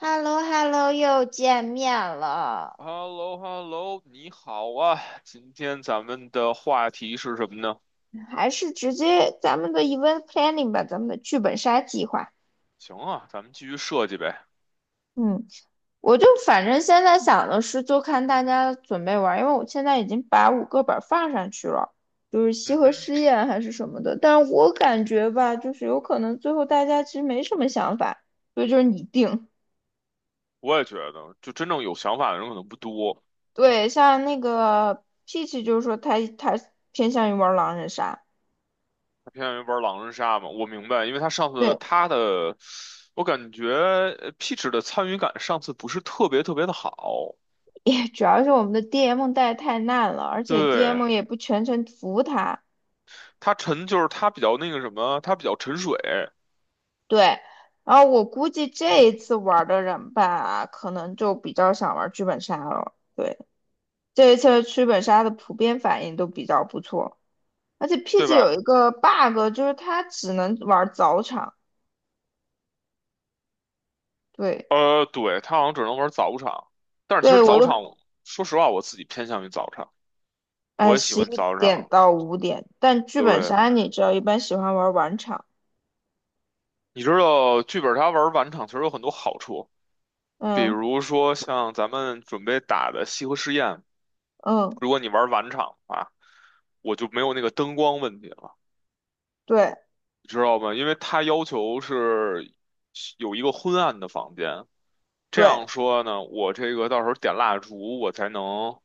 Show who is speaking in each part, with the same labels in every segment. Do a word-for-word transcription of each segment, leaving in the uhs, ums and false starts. Speaker 1: h e l l o h e l l o 又见面了，
Speaker 2: h e l l o h e l l o 你好啊！今天咱们的话题是什么呢？
Speaker 1: 还是直接咱们的 event planning 吧，咱们的剧本杀计划。
Speaker 2: 行啊，咱们继续设计呗。
Speaker 1: 嗯，我就反正现在想的是，就看大家准备玩，因为我现在已经把五个本放上去了，就是西
Speaker 2: 嗯
Speaker 1: 河
Speaker 2: 哼，
Speaker 1: 试验还是什么的。但我感觉吧，就是有可能最后大家其实没什么想法，所以就是你定。
Speaker 2: 我也觉得，就真正有想法的人可能不多，
Speaker 1: 对，像那个 Peach 就是说他他偏向于玩狼人杀。
Speaker 2: 他偏向于玩狼人杀嘛。我明白，因为他上次
Speaker 1: 对，
Speaker 2: 他的，我感觉呃 Peach 的参与感上次不是特别特别的好。
Speaker 1: 也主要是我们的 D M 带太烂了，而且
Speaker 2: 对，
Speaker 1: D M 也不全程服他。
Speaker 2: 他沉就是他比较那个什么，他比较沉水，
Speaker 1: 对，然后我估计这一次玩的人吧，可能就比较想玩剧本杀了。对，这一次的剧本杀的普遍反应都比较不错，而且
Speaker 2: 对
Speaker 1: P G 有
Speaker 2: 吧？
Speaker 1: 一个 bug，就是它只能玩早场。对，
Speaker 2: 呃，对，他好像只能玩早场，但是其
Speaker 1: 对
Speaker 2: 实
Speaker 1: 我
Speaker 2: 早
Speaker 1: 都
Speaker 2: 场，说实话，我自己偏向于早场。
Speaker 1: 哎，
Speaker 2: 我也喜
Speaker 1: 十
Speaker 2: 欢
Speaker 1: 一
Speaker 2: 早
Speaker 1: 点
Speaker 2: 场。
Speaker 1: 到五点，但剧本
Speaker 2: 对，
Speaker 1: 杀你知道，一般喜欢玩晚场。
Speaker 2: 你知道剧本杀玩晚场其实有很多好处，比
Speaker 1: 嗯
Speaker 2: 如说像咱们准备打的西河试验，
Speaker 1: 嗯，
Speaker 2: 如果你玩晚场的话，我就没有那个灯光问题了，
Speaker 1: 对
Speaker 2: 你知道吧？因为它要求是有一个昏暗的房间，这
Speaker 1: 对。
Speaker 2: 样说呢，我这个到时候点蜡烛我才能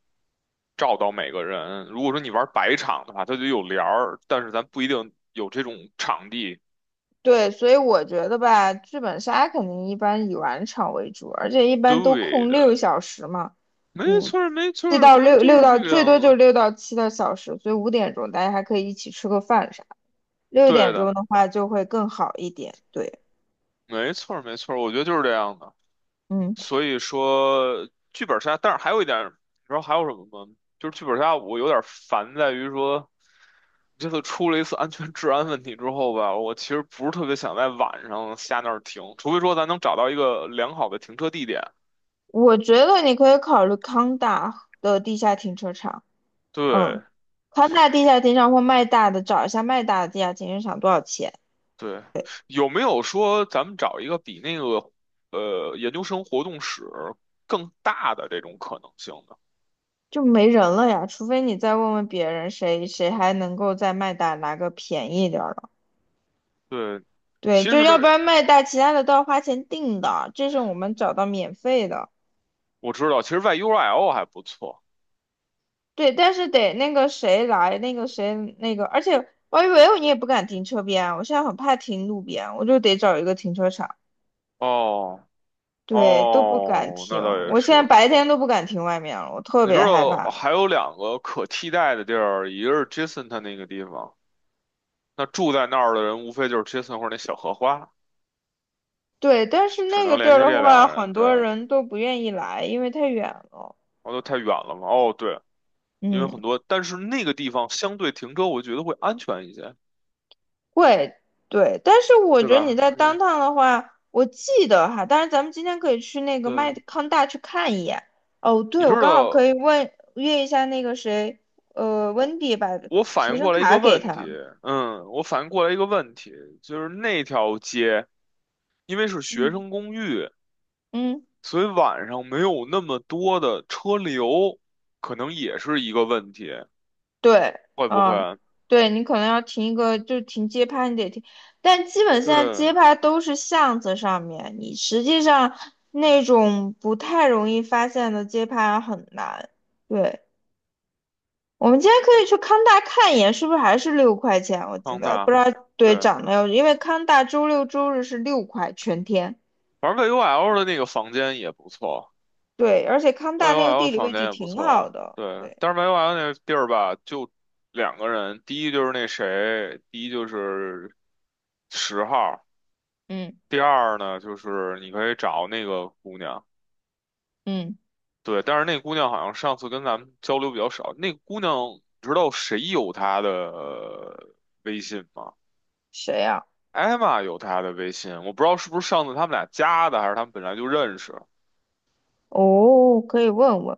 Speaker 2: 照到每个人。如果说你玩白场的话，它就有帘儿，但是咱不一定有这种场地。
Speaker 1: 对，所以我觉得吧，剧本杀肯定一般以晚场为主，而且一般都
Speaker 2: 对
Speaker 1: 空六
Speaker 2: 的。
Speaker 1: 小时嘛，
Speaker 2: 没
Speaker 1: 五
Speaker 2: 错儿，没错
Speaker 1: 七
Speaker 2: 儿，
Speaker 1: 到
Speaker 2: 咱
Speaker 1: 六
Speaker 2: 们
Speaker 1: 六
Speaker 2: 就是
Speaker 1: 到
Speaker 2: 这个
Speaker 1: 最多
Speaker 2: 样
Speaker 1: 就
Speaker 2: 子。
Speaker 1: 六到七个小时，所以五点钟大家还可以一起吃个饭啥。六
Speaker 2: 对
Speaker 1: 点
Speaker 2: 的，
Speaker 1: 钟的话就会更好一点。对，
Speaker 2: 没错儿，没错儿，我觉得就是这样的。
Speaker 1: 嗯，
Speaker 2: 所以说，剧本杀，但是还有一点然你知道还有什么吗？就是剧本杀，我有点烦在于说，这次出了一次安全治安问题之后吧，我其实不是特别想在晚上下那儿停，除非说咱能找到一个良好的停车地点。
Speaker 1: 我觉得你可以考虑康大的地下停车场。
Speaker 2: 对
Speaker 1: 嗯，康大地下停车场或麦大的，找一下麦大的地下停车场多少钱。
Speaker 2: 对，有没有说咱们找一个比那个呃研究生活动室更大的这种可能性呢？
Speaker 1: 就没人了呀，除非你再问问别人谁，谁还能够在麦大拿个便宜点儿的。
Speaker 2: 对，
Speaker 1: 对，
Speaker 2: 其
Speaker 1: 就
Speaker 2: 实
Speaker 1: 要不然麦大其他的都要花钱订的，这是我们找到免费的。
Speaker 2: 我知道，其实 Y U R L 还不错。
Speaker 1: 对，但是得那个谁来，那个谁那个，而且 y 以 l 你也不敢停车边啊，我现在很怕停路边，我就得找一个停车场。
Speaker 2: 哦
Speaker 1: 对，都不敢
Speaker 2: 哦，
Speaker 1: 停，
Speaker 2: 那倒也
Speaker 1: 我
Speaker 2: 是。
Speaker 1: 现在白天都不敢停外面了，我特
Speaker 2: 你知
Speaker 1: 别害
Speaker 2: 道
Speaker 1: 怕。
Speaker 2: 还有两个可替代的地儿，一个是 Jason 他那个地方，那住在那儿的人无非就是 Jason 或者那小荷花，
Speaker 1: 对，但是
Speaker 2: 只
Speaker 1: 那个
Speaker 2: 能
Speaker 1: 地
Speaker 2: 联
Speaker 1: 儿
Speaker 2: 系
Speaker 1: 的
Speaker 2: 这俩
Speaker 1: 话，
Speaker 2: 人。
Speaker 1: 很
Speaker 2: 对，
Speaker 1: 多人都不愿意来，因为太远了。
Speaker 2: 哦，都太远了嘛。哦，对，因为
Speaker 1: 嗯。
Speaker 2: 很多，但是那个地方相对停车，我觉得会安全一些，
Speaker 1: 会，对，但是我
Speaker 2: 对
Speaker 1: 觉得你
Speaker 2: 吧？
Speaker 1: 在 d
Speaker 2: 嗯，
Speaker 1: 趟的话，我记得哈，但是咱们今天可以去那个麦
Speaker 2: 对。
Speaker 1: 康大去看一眼。哦，
Speaker 2: 你
Speaker 1: 对，我
Speaker 2: 知
Speaker 1: 刚好可
Speaker 2: 道
Speaker 1: 以问约一下那个谁，呃，温迪把
Speaker 2: 我反
Speaker 1: 学
Speaker 2: 应
Speaker 1: 生
Speaker 2: 过来一
Speaker 1: 卡
Speaker 2: 个
Speaker 1: 给
Speaker 2: 问
Speaker 1: 他。
Speaker 2: 题，嗯，我反应过来一个问题，就是那条街。因为是学
Speaker 1: 嗯，
Speaker 2: 生公寓，
Speaker 1: 嗯，
Speaker 2: 所以晚上没有那么多的车流，可能也是一个问题，
Speaker 1: 对，
Speaker 2: 会不
Speaker 1: 嗯，
Speaker 2: 会？
Speaker 1: 对你可能要停一个，就停街拍，你得停，但基本现在
Speaker 2: 对，
Speaker 1: 街拍都是巷子上面，你实际上那种不太容易发现的街拍很难。对，我们今天可以去康大看一眼，是不是还是六块钱？我记
Speaker 2: 康
Speaker 1: 得不
Speaker 2: 大，
Speaker 1: 知道对
Speaker 2: 对，
Speaker 1: 涨没有，因为康大周六周日是六块全天。
Speaker 2: 反正 V U L 的那个房间也不错
Speaker 1: 对，而且康大那个
Speaker 2: ，V U L
Speaker 1: 地理
Speaker 2: 房
Speaker 1: 位
Speaker 2: 间
Speaker 1: 置
Speaker 2: 也不
Speaker 1: 挺好
Speaker 2: 错，
Speaker 1: 的。
Speaker 2: 对，
Speaker 1: 对，
Speaker 2: 但是 V U L 那个地儿吧，就两个人，第一就是那谁，第一就是十号，
Speaker 1: 嗯
Speaker 2: 第二呢就是你可以找那个姑娘。
Speaker 1: 嗯，
Speaker 2: 对，但是那姑娘好像上次跟咱们交流比较少。那个姑娘，你知道谁有她的呃微信吗？
Speaker 1: 谁呀、
Speaker 2: 艾玛有她的微信，我不知道是不是上次他们俩加的，还是他们本来就认识。
Speaker 1: 哦，可以问问。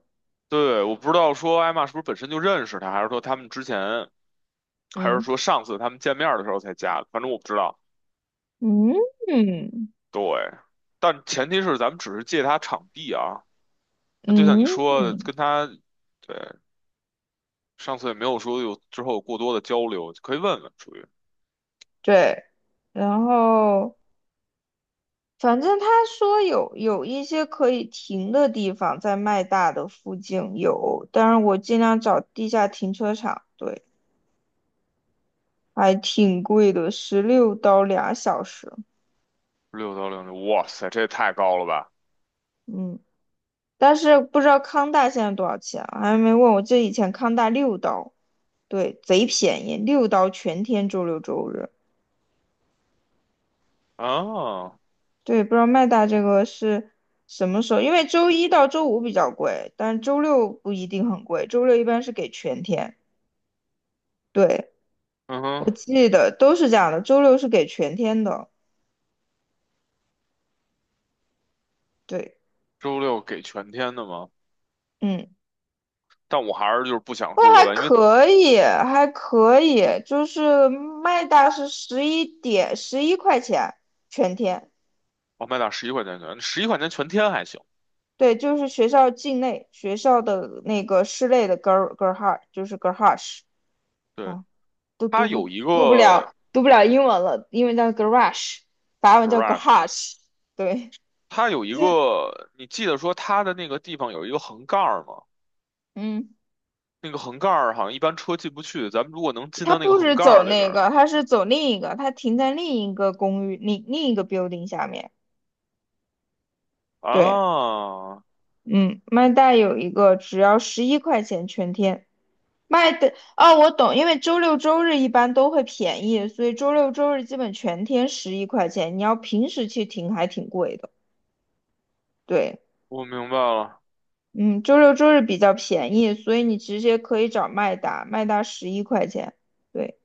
Speaker 2: 对，我不知道说艾玛是不是本身就认识她，还是说他们之前，还是
Speaker 1: 嗯
Speaker 2: 说上次他们见面的时候才加的，反正我不知道。
Speaker 1: 嗯
Speaker 2: 对，但前提是咱们只是借她场地啊。那就像你
Speaker 1: 嗯
Speaker 2: 说的，
Speaker 1: 嗯，
Speaker 2: 跟她，对，上次也没有说有之后有过多的交流，可以问问，属于。
Speaker 1: 对。然后反正他说有有一些可以停的地方在麦大的附近有，但是我尽量找地下停车场。对。还挺贵的，十六刀俩小时。
Speaker 2: 六到零六，哇塞，这也太高了吧！
Speaker 1: 嗯，但是不知道康大现在多少钱啊还没问我。记得以前康大六刀，对，贼便宜，六刀全天，周六周日。
Speaker 2: 啊，
Speaker 1: 对，不知道麦大这个是什么时候？因为周一到周五比较贵，但周六不一定很贵，周六一般是给全天。对，
Speaker 2: 嗯哼，
Speaker 1: 我记得都是这样的，周六是给全天的。对，
Speaker 2: 周六给全天的吗？
Speaker 1: 嗯。
Speaker 2: 但我还是就是不想出
Speaker 1: 那
Speaker 2: 额
Speaker 1: 还
Speaker 2: 外，因为
Speaker 1: 可以，还可以，就是麦大是十一点十一块钱全天，
Speaker 2: 我麦打十一块钱全，十一块钱全天还行。
Speaker 1: 对，就是学校境内学校的那个室内的 Ger Gerhard 就是 g e r h a r e
Speaker 2: 对，
Speaker 1: 啊，都
Speaker 2: 它
Speaker 1: 读不
Speaker 2: 有一
Speaker 1: 读不
Speaker 2: 个
Speaker 1: 了读不了英文了，英文叫 Garage，法文叫 g a
Speaker 2: garage
Speaker 1: r a
Speaker 2: 吗？
Speaker 1: g e 对，
Speaker 2: 它有 一
Speaker 1: 就
Speaker 2: 个，你记得说它的那个地方有一个横杠儿吗？
Speaker 1: 嗯，
Speaker 2: 那个横杠儿好像一般车进不去，咱们如果能进
Speaker 1: 他
Speaker 2: 到那个
Speaker 1: 不
Speaker 2: 横
Speaker 1: 是
Speaker 2: 杠
Speaker 1: 走
Speaker 2: 儿里边
Speaker 1: 那
Speaker 2: 儿
Speaker 1: 个，
Speaker 2: 呢？
Speaker 1: 他是走另一个，他停在另一个公寓另另一个 building 下面。
Speaker 2: 啊，
Speaker 1: 对。嗯，麦袋有一个只要十一块钱全天。麦的，哦，我懂，因为周六周日一般都会便宜，所以周六周日基本全天十一块钱。你要平时去停还挺贵的。对，
Speaker 2: 我明白了，
Speaker 1: 嗯，周六周日比较便宜，所以你直接可以找麦达，麦达十一块钱。对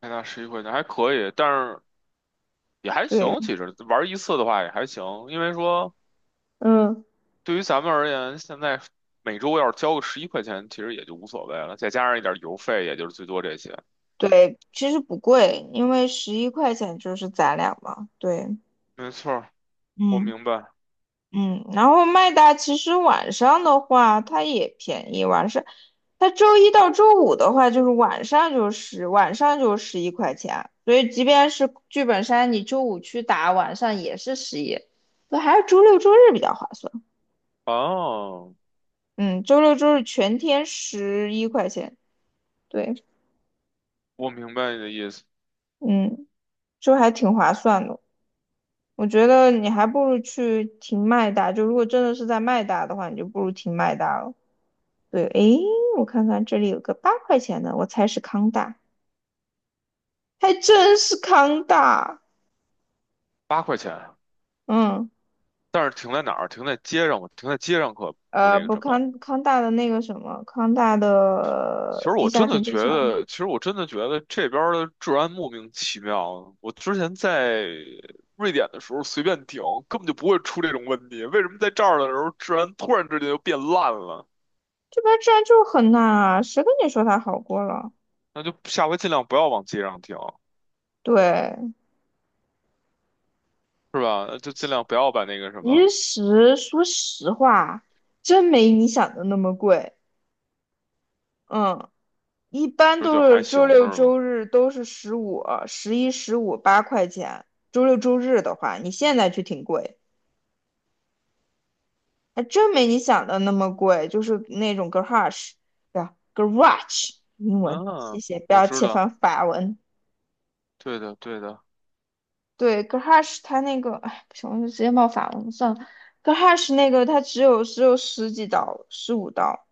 Speaker 2: 麦打十一块钱还可以，但是也还
Speaker 1: 对，
Speaker 2: 行，其实玩一次的话也还行，因为说。
Speaker 1: 嗯，
Speaker 2: 对于咱们而言，现在每周要是交个十一块钱，其实也就无所谓了，再加上一点邮费，也就是最多这些。
Speaker 1: 对，其实不贵，因为十一块钱就是咱俩嘛。对，
Speaker 2: 没错儿，我
Speaker 1: 嗯。
Speaker 2: 明白。
Speaker 1: 嗯，然后麦达其实晚上的话，它也便宜。晚上，它周一到周五的话，就是晚上就是晚上就十一块钱。所以即便是剧本杀，你周五去打，晚上也是十一。那还是周六周日比较划算。
Speaker 2: 哦，
Speaker 1: 嗯，周六周日全天十一块钱。对，
Speaker 2: 我明白你的意思。
Speaker 1: 嗯，就还挺划算的。我觉得你还不如去停麦达，就如果真的是在麦达的话，你就不如停麦达了。对，诶，我看看这里有个八块钱的，我猜是康大，还真是康大。
Speaker 2: 八块钱，
Speaker 1: 嗯，
Speaker 2: 但是停在哪儿？停在街上，停在街上可不
Speaker 1: 呃，
Speaker 2: 那个
Speaker 1: 不
Speaker 2: 什么。
Speaker 1: 康康大的那个什么，康大
Speaker 2: 其
Speaker 1: 的
Speaker 2: 实我
Speaker 1: 地下
Speaker 2: 真的
Speaker 1: 停车
Speaker 2: 觉
Speaker 1: 场，
Speaker 2: 得，其实我真的觉得这边儿的治安莫名其妙。我之前在瑞典的时候随便停，根本就不会出这种问题。为什么在这儿的时候治安突然之间就变烂了？
Speaker 1: 这边治安就很烂啊，谁跟你说它好过了？
Speaker 2: 那就下回尽量不要往街上停。
Speaker 1: 对，
Speaker 2: 是吧？那就尽量不要把那个什么，
Speaker 1: 其实说实话，真没你想的那么贵。嗯，一般
Speaker 2: 不是就
Speaker 1: 都
Speaker 2: 还
Speaker 1: 是周
Speaker 2: 行
Speaker 1: 六
Speaker 2: 是吗？
Speaker 1: 周日都是十五、十一、十五八块钱，周六周日的话，你现在去挺贵。还真没你想的那么贵，就是那种 garage，对吧？garage 英文，谢
Speaker 2: 嗯，
Speaker 1: 谢，不
Speaker 2: 我
Speaker 1: 要
Speaker 2: 知
Speaker 1: 切
Speaker 2: 道，
Speaker 1: 翻法文。
Speaker 2: 对的对的，
Speaker 1: 对，garage 它那个，哎，不行，我就直接报法文算了。garage 那个它只有只有十几刀，十五刀，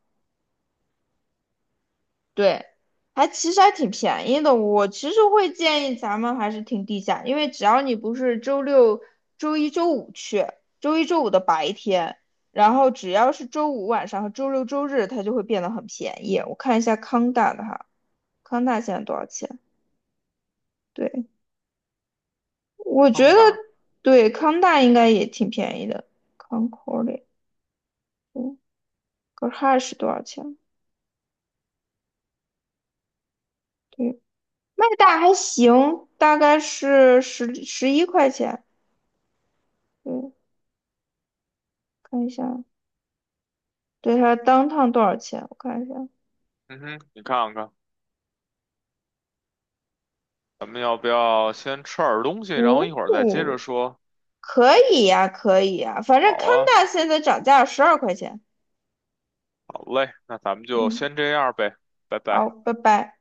Speaker 1: 对，还其实还挺便宜的。我其实会建议咱们还是停地下，因为只要你不是周六、周一周五去，周一周五的白天，然后只要是周五晚上和周六周日，它就会变得很便宜。我看一下康大的哈，康大现在多少钱？对，我觉得
Speaker 2: 康吧，
Speaker 1: 对康大应该也挺便宜的。Concord，嗯 g 哈是多少钱？对，麦大还行，大概是十十一块钱。对。看一下，对，它当趟多少钱？我看一下，
Speaker 2: 嗯哼，你看看，咱们要不要先吃点儿东西，然后一会儿再接着
Speaker 1: 哦，
Speaker 2: 说？
Speaker 1: 可以呀、可以呀、反正
Speaker 2: 好
Speaker 1: 康
Speaker 2: 啊，
Speaker 1: 大现在涨价十二块钱。
Speaker 2: 好嘞，那咱们就
Speaker 1: 嗯，
Speaker 2: 先这样呗，拜
Speaker 1: 好，
Speaker 2: 拜。
Speaker 1: 拜拜。